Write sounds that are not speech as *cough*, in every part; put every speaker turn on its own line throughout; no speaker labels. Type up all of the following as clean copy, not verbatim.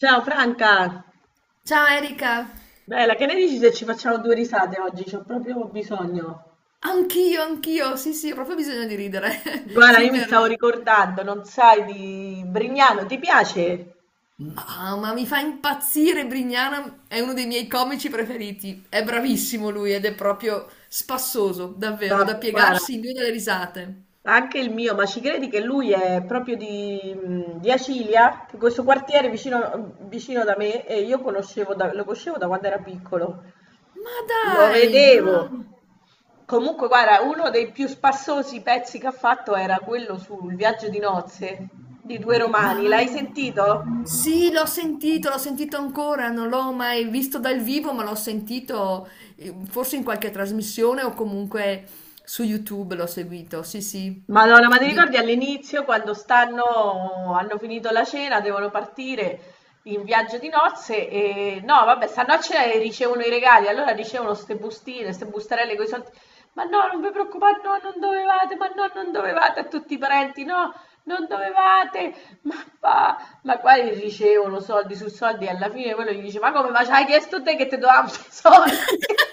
Ciao Franca,
Ciao Erika,
bella, che ne dici se ci facciamo due risate oggi? C'ho proprio bisogno.
anch'io, anch'io, sì sì, ho proprio bisogno di ridere, *laughs*
Guarda,
sì
io mi stavo ricordando, non sai, di Brignano, ti piace?
Mamma, mi fa impazzire Brignana, è uno dei miei comici preferiti, è bravissimo lui ed è proprio spassoso,
No,
davvero, da
guarda,
piegarsi in due dalle risate.
anche il mio, ma ci credi che lui è proprio di Acilia, che questo quartiere vicino, vicino da me, e io conoscevo lo conoscevo da quando era piccolo.
Ma
Lo
dai,
vedevo. Comunque, guarda, uno dei più spassosi pezzi che ha fatto era quello sul viaggio di nozze di due
ma...
romani. L'hai sentito?
Sì, l'ho sentito ancora, non l'ho mai visto dal vivo, ma l'ho sentito forse in qualche trasmissione o comunque su YouTube l'ho seguito, sì sì.
Madonna, ma ti ricordi all'inizio quando stanno, hanno finito la cena, devono partire in viaggio di nozze e no, vabbè, stanno a cena e ricevono i regali, allora ricevono ste bustine, ste bustarelle con i soldi. Ma no, non vi preoccupate, no, non dovevate, ma no, non dovevate a tutti i parenti, no, non dovevate, ma va, ma qua gli ricevono soldi su soldi e alla fine quello gli dice, ma come, ma ci hai chiesto te che ti dovevamo i soldi? *laughs*
*laughs*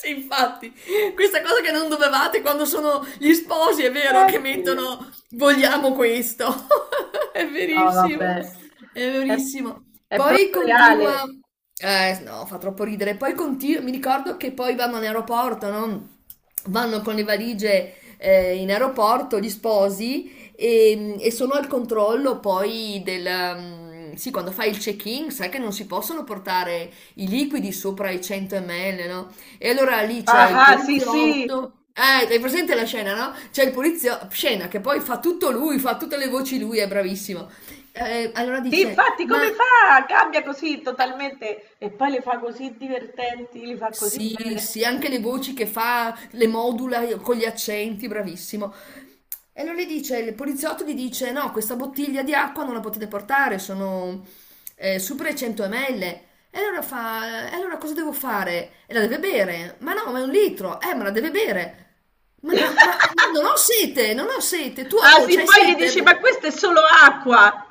Sì, infatti, questa cosa che non dovevate quando sono gli sposi, è vero che
Dio.
mettono vogliamo questo. *laughs* È
No,
verissimo,
vabbè,
è
è,
verissimo.
è
Poi
proprio reale.
continua, eh no, fa troppo ridere. Poi continua, mi ricordo che poi vanno in aeroporto, no? Vanno con le valigie in aeroporto gli sposi e sono al controllo poi del... Sì, quando fai il check-in, sai che non si possono portare i liquidi sopra i 100 ml, no? E allora lì c'è
Ah,
il
ah, sì, sì.
poliziotto. Hai presente la scena, no? C'è il poliziotto, scena che poi fa tutto lui, fa tutte le voci lui, è bravissimo. Allora
Sì,
dice,
infatti,
ma
come fa? Cambia così totalmente e poi le fa così divertenti, li fa così
sì,
bene.
sì, anche le voci che fa, le modula con gli accenti, bravissimo. E allora gli dice, il poliziotto gli dice, no, questa bottiglia di acqua non la potete portare, sono super 100 ml. E allora fa, e allora cosa devo fare? E la deve bere. Ma no, ma è un litro. Ma la deve bere. Ma no, ma non ho sete, non ho sete. Tu,
Ah,
amore,
sì,
c'hai
poi gli
sete?
dici, ma
Perché...
questa è solo acqua.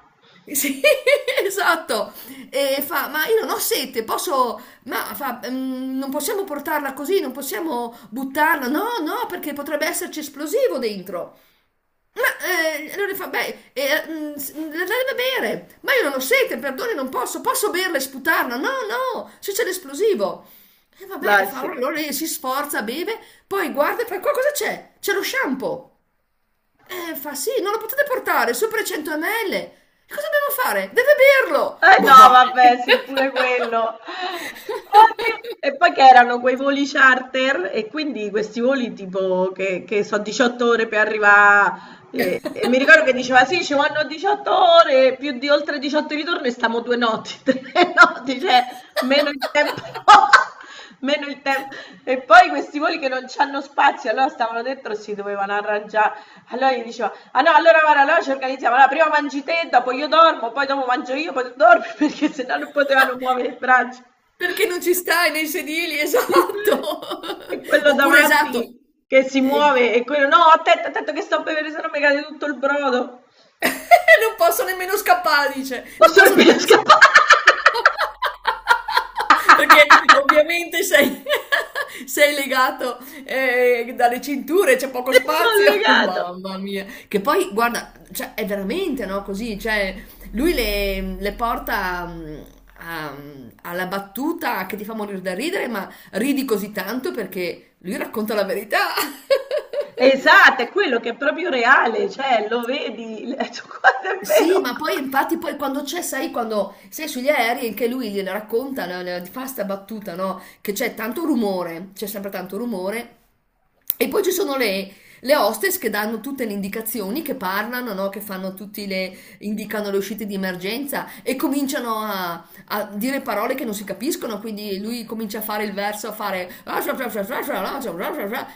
Sì, *laughs* esatto. E fa, ma io non ho sete, posso... Ma fa, "Mm, non possiamo portarla così, non possiamo buttarla. No, no, perché potrebbe esserci esplosivo dentro. Ma allora fa, beh, la deve bere. Ma io non ho sete, perdoni, non posso. Posso berla e sputarla? No, no, se c'è l'esplosivo. E vabbè, e
Dai,
fa,
sì.
allora lei si sforza, beve, poi guarda e fa, qua cosa c'è? C'è lo shampoo. Fa sì, non lo potete portare, sopra i 100 ml. E cosa dobbiamo fare? Deve berlo!
Eh no,
Bah!
vabbè, sì, pure quello. Oddio. E poi che erano quei voli charter e quindi questi voli tipo che sono 18 ore per arrivare e mi ricordo che diceva sì, ci vanno 18 ore, più di oltre 18 ritorno e stiamo due notti, *laughs* tre notti, cioè meno il tempo.
*laughs*
*laughs* Meno il tem e poi questi voli che non c'hanno spazio, allora stavano dentro e si dovevano arrangiare. Allora gli diceva: "Ah no, allora guarda, allora ci organizziamo, allora prima mangi te, dopo io dormo, poi dopo mangio io, poi tu dormi", *laughs* perché sennò non potevano muovere il braccio.
Perché non ci stai nei sedili, esatto!
E
*laughs*
quello
Oppure esatto,
davanti che si
ehm
muove e quello: "No, attento, attento che sto a bevere, se no mi cade tutto il brodo".
*laughs* Non posso nemmeno scappare, dice.
Ma
Non posso
sarebbe
nemmeno s
scappare,
*laughs* Perché ovviamente sei *laughs* sei legato, dalle cinture, c'è poco
*laughs* son
spazio. *laughs*
legato.
Mamma mia. Che poi guarda, cioè è veramente, no, così, cioè lui le porta, alla battuta che ti fa morir da ridere, ma ridi così tanto perché lui racconta la verità. *laughs*
Esatto, è quello che è proprio reale, cioè lo vedi, *laughs* l guarda è
Sì,
vero.
ma poi infatti poi quando c'è, sai, quando sei sugli aerei anche lui gliela racconta, fa sta battuta, no? Che c'è tanto rumore, c'è sempre tanto rumore. E poi ci sono le hostess che danno tutte le indicazioni, che parlano, no? Che fanno tutti le, indicano le uscite di emergenza e cominciano a dire parole che non si capiscono, quindi lui comincia a fare il verso, a fare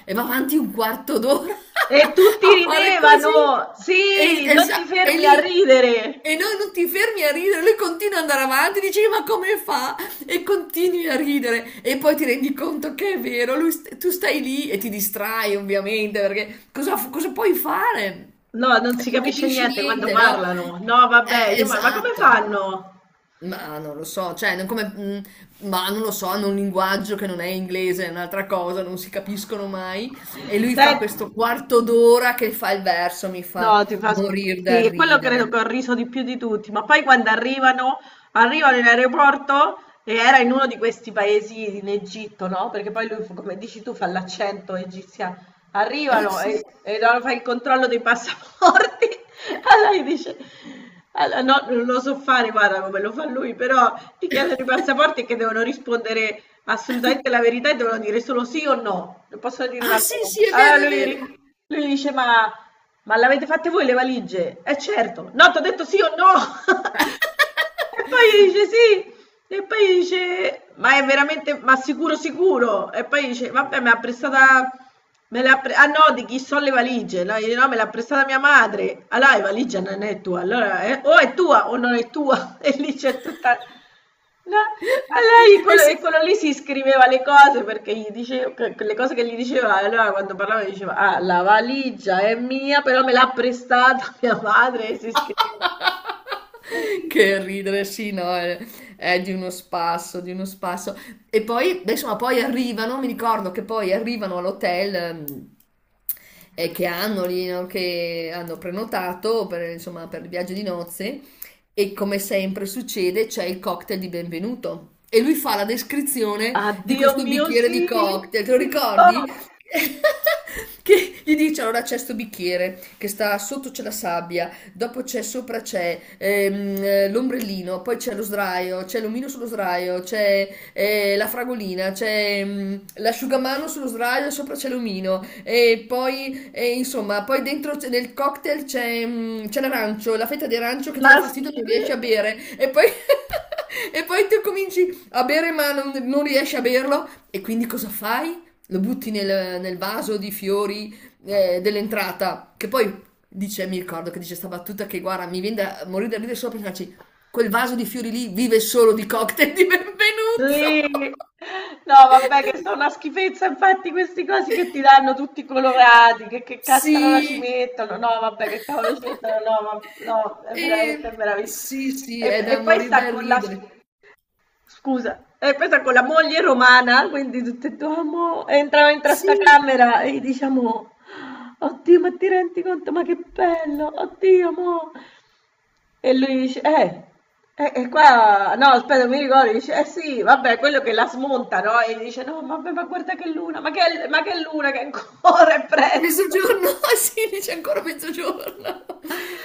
e va avanti un quarto d'ora *laughs*
E tutti
a fare così.
ridevano!
E,
Sì,
e
non ti
sa- e
fermi a
lì
ridere!
e noi non ti fermi a ridere, lui continua ad andare avanti, dici ma come fa? E continui a ridere e poi ti rendi conto che è vero, lui tu stai lì e ti distrai ovviamente perché cosa puoi fare?
No, non si
Non
capisce
capisci
niente quando
niente, no?
parlano. No, vabbè, io ma come
Esatto.
fanno?
Ma non lo so, cioè, non come, mhmm, ma non lo so, hanno un linguaggio che non è inglese, è un'altra cosa, non si capiscono mai. E lui fa
Se-
questo quarto d'ora che fa il verso, mi fa
no, ti fa...
morir dal
Sì, quello credo
ridere.
che ho riso di più di tutti, ma poi quando arrivano, arrivano in aeroporto e era in uno di questi paesi in Egitto, no? Perché poi lui, come dici tu, fa l'accento egiziano.
Ah
Arrivano
sì.
e no, fa il controllo dei passaporti. *laughs* Allora gli dice, allora, no, non lo so fare, guarda come lo fa lui, però ti chiedono i
*laughs*
passaporti che devono rispondere assolutamente la verità e devono dire solo sì o no, non possono dire
Ah
un'altra
sì, sì, è
cosa.
vero,
Allora
è vero.
lui dice, ma l'avete fatte voi le valigie? Eh certo, no, ti ho detto sì o no. *laughs* E poi
*laughs*
dice sì, e poi dice, ma è veramente, ma sicuro sicuro? E poi dice, vabbè, me l'ha prestata, ah no, di chi sono le valigie? No, dice, no, me l'ha prestata mia madre. Allora, la valigia non è tua, allora o è tua o non è tua. *laughs* E lì c'è tutta... No? Allora,
Eh
quello,
sì.
e quello lì si scriveva le cose perché gli dicevo, quelle cose che gli diceva, allora quando parlava diceva, ah, la valigia è mia, però me l'ha prestata *laughs* mia madre, e si scriveva. E si
*laughs* Che ridere, sì, no, è di uno spasso, di uno spasso. E poi, beh, insomma, poi arrivano, mi ricordo che poi arrivano all'hotel che hanno lì, no, che hanno prenotato per, insomma, per il viaggio di nozze e come sempre succede c'è il cocktail di benvenuto e lui fa la descrizione di
Addio
questo
mio
bicchiere di
sì,
cocktail, te lo
il
ricordi?
pop,
*laughs* Che gli dice allora c'è sto bicchiere che sta sotto c'è la sabbia dopo c'è sopra c'è l'ombrellino, poi c'è lo sdraio, c'è l'omino sullo sdraio, c'è la fragolina, c'è l'asciugamano sullo sdraio, sopra c'è l'omino e poi e insomma, poi dentro nel cocktail c'è l'arancio, la fetta di arancio che ti
la
dà fastidio, non riesci
schifezza,
a bere e poi *laughs* e poi tu cominci a bere ma non, non riesci a berlo e quindi cosa fai? Lo butti nel, nel vaso di fiori dell'entrata, che poi dice, mi ricordo che dice sta battuta che guarda, mi viene da morire da ridere solo perché dice, quel vaso di fiori lì vive solo di cocktail di benvenuto.
sì. No, vabbè che sono
*laughs*
una schifezza, infatti questi cosi che ti danno tutti colorati, che cazzaro la ci
Sì.
mettono, no, vabbè che cavolo ci mettono, no, ma, no, è
Ehm,
veramente meraviglioso.
sì, sì, è
E
da
poi
morire
sta
da
con la,
ridere.
scusa, e poi sta con la moglie romana, quindi tutte e due, "Amo", entrano in sta
Sì,
camera e diciamo, oddio, ma ti rendi conto, ma che bello, oddio, mo'. E lui dice, qua, no, aspetta, mi ricordo, dice, eh sì, vabbè, quello che la smonta, no? E dice, no, vabbè, ma guarda che luna, ma che luna, che ancora è presto.
mezzogiorno, *laughs* sì, dice ancora mezzogiorno. *laughs*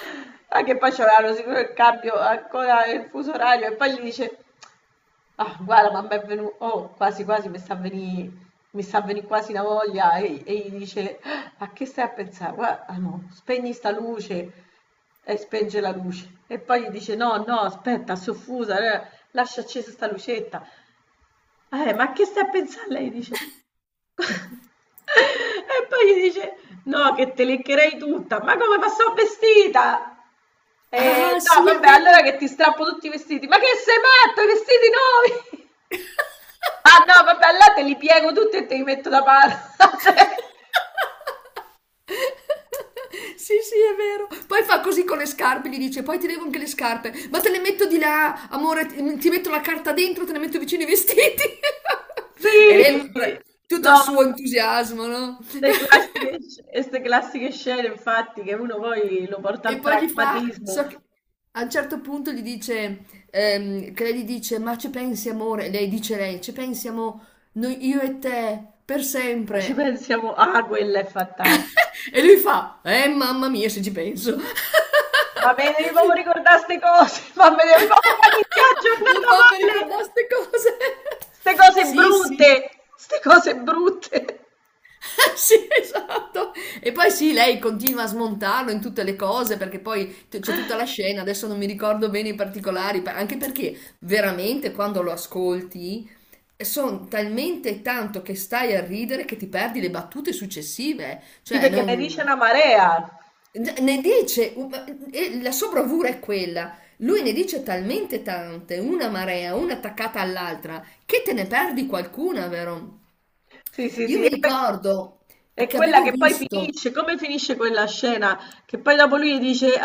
Ma che poi c'avevano sicuro il cambio, ancora il fuso orario, e poi gli dice, ah, guarda, ma mi è venuto, oh, quasi quasi mi sta a venì quasi una voglia e gli dice, "Ah, a che stai a pensare? Guarda, ah, no, spegni sta luce e spenge la luce. E poi gli dice, no, no, aspetta, soffusa, lascia accesa sta lucetta. Ma a che stai a pensare? Lei dice, *laughs* e poi gli dice, no, che te leccherei tutta, ma come, ma sono vestita? E,
Ah, sì,
no,
è
vabbè, allora
vero.
che ti strappo tutti i vestiti, ma che sei matto, i vestiti nuovi? *laughs* Ah no, vabbè, là te li piego tutti e te li metto da parte. *laughs*
*laughs* Sì, sì, è vero. Poi fa così con le scarpe, gli dice, poi ti levo anche le scarpe, ma te le metto di là, amore, ti metto la carta dentro, te le metto vicino i vestiti. *laughs* E lei,
Sì,
tutto il
no,
suo entusiasmo, no? *laughs*
queste classiche scene, infatti, che uno poi lo porta
E
al
poi gli fa,
pragmatismo,
so
ma
che a un certo punto gli dice, che lei gli dice, ma ci pensi amore? E lei dice lei, ci pensiamo noi, io e te, per
ci
sempre.
pensiamo, ah, quella è fantastica.
*laughs* E lui fa: mamma mia, se ci penso. *laughs*
Ma me devi proprio ricordare queste cose, *laughs* ma me devi proprio far iniziare la
Non
giornata
fammi
male,
ricordare ste cose.
queste
*laughs*
cose
Sì, sì.
brutte, queste cose brutte.
*laughs* Sì, esatto. E poi sì, lei continua a smontarlo in tutte le cose perché poi c'è tutta la scena, adesso non mi ricordo bene i particolari, anche perché veramente quando lo ascolti sono talmente tanto che stai a ridere che ti perdi le battute successive, eh.
Sì,
Cioè
perché ne dice
non...
una marea.
Ne dice, e la sua bravura è quella. Lui ne dice talmente tante, una marea, una attaccata all'altra, che te ne perdi qualcuna, vero?
Sì, sì,
Io
sì.
mi ricordo
È
che
quella
avevo
che poi
visto,
finisce, come finisce quella scena? Che poi dopo lui dice,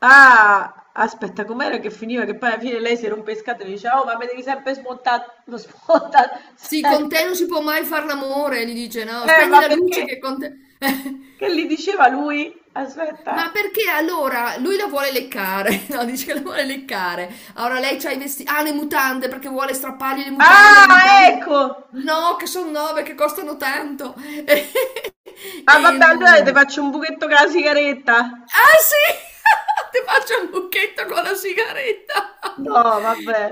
ah, aspetta, com'era che finiva? Che poi alla fine lei si rompe le scatole e dice, oh, ma mi devi sempre smontare, *laughs* lo smonta
sì, con te non
sempre.
si può mai far l'amore, gli dice, no, spegni
Ma
la luce
perché?
che con te... *laughs*
Che gli diceva lui? Aspetta.
Ma perché allora lui la vuole leccare? *laughs* No, dice che la vuole leccare. Allora lei c'ha i vestiti. Ah, le mutande perché vuole strappargli le mutande, le
Ah,
mutande.
ecco!
No, che sono nove, che costano tanto. *laughs*
Ah, vabbè, allora
Ehm,
ti faccio un buchetto con la sigaretta.
Ah sì! *laughs* Ti faccio un lucchetto con la sigaretta.
No, vabbè.
*laughs*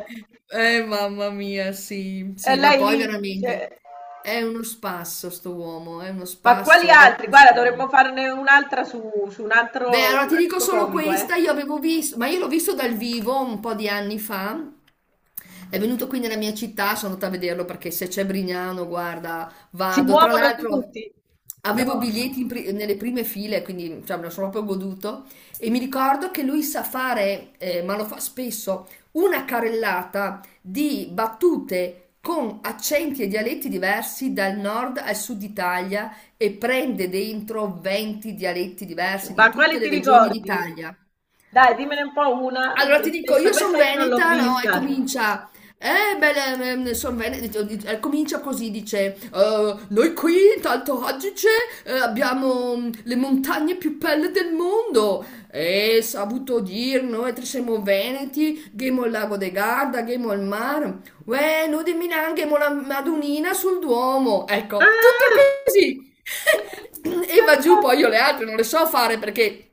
Mamma mia, sì,
E
sì, ma
lei
poi
lì dice,
veramente è uno spasso sto uomo, è uno
ma quali
spasso ed è
altri?
così
Guarda,
bravo.
dovremmo farne un'altra
Beh, allora
su un
ti dico
altro
solo
comico, eh.
questa, io avevo visto, ma io l'ho visto dal vivo un po' di anni fa. È venuto qui nella mia città, sono andata a vederlo perché se c'è Brignano, guarda,
Si
vado. Tra
muovono
l'altro
tutti.
avevo
No,
biglietti nelle prime file, quindi cioè, me lo sono proprio goduto. E mi ricordo che lui sa fare, ma lo fa spesso, una carrellata di battute con accenti e dialetti diversi dal nord al sud Italia e prende dentro 20 dialetti diversi di
ma
tutte
quale ti
le regioni
ricordi?
d'Italia.
Dai, dimmene un po' una
Allora
te
ti dico,
stessa.
io sono
Questa io non l'ho
veneta, no? E
vista.
comincia. Beh, sono veneta. Comincia così, dice: noi qui, in Alto Adige, abbiamo le montagne più belle del mondo. E saputo dir, noi tre siamo veneti, ghemo il lago de Garda, ghemo il mare. Uè, noi di Milano, ghemo la Madonnina sul Duomo. Ecco, tutto
Ah,
così. *laughs* E
no!
va giù, poi io le altre non le so fare perché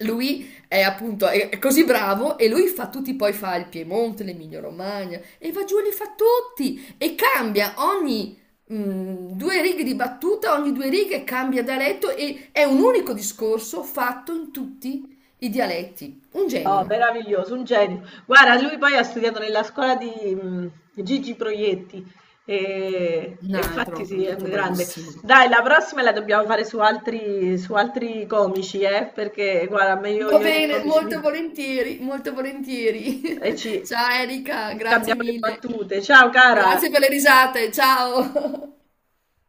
lui è appunto, è così bravo e lui fa tutti, poi fa il Piemonte, l'Emilia Romagna e va giù e li fa tutti e cambia ogni due righe di battuta, ogni due righe cambia dialetto e è un unico discorso fatto in tutti i dialetti. Un
No,
genio,
meraviglioso, un genio. Guarda, lui poi ha studiato nella scuola di Gigi Proietti e infatti sì,
un
è un
altro
grande.
bravissimo.
Dai, la prossima la dobbiamo fare su altri comici, eh? Perché guarda, a me
Va
io i
bene,
comici
molto volentieri, molto volentieri.
e
*laughs* Ciao Erika,
ci
grazie
scambiamo le
mille.
battute. Ciao cara!
Grazie per le risate, ciao. *laughs*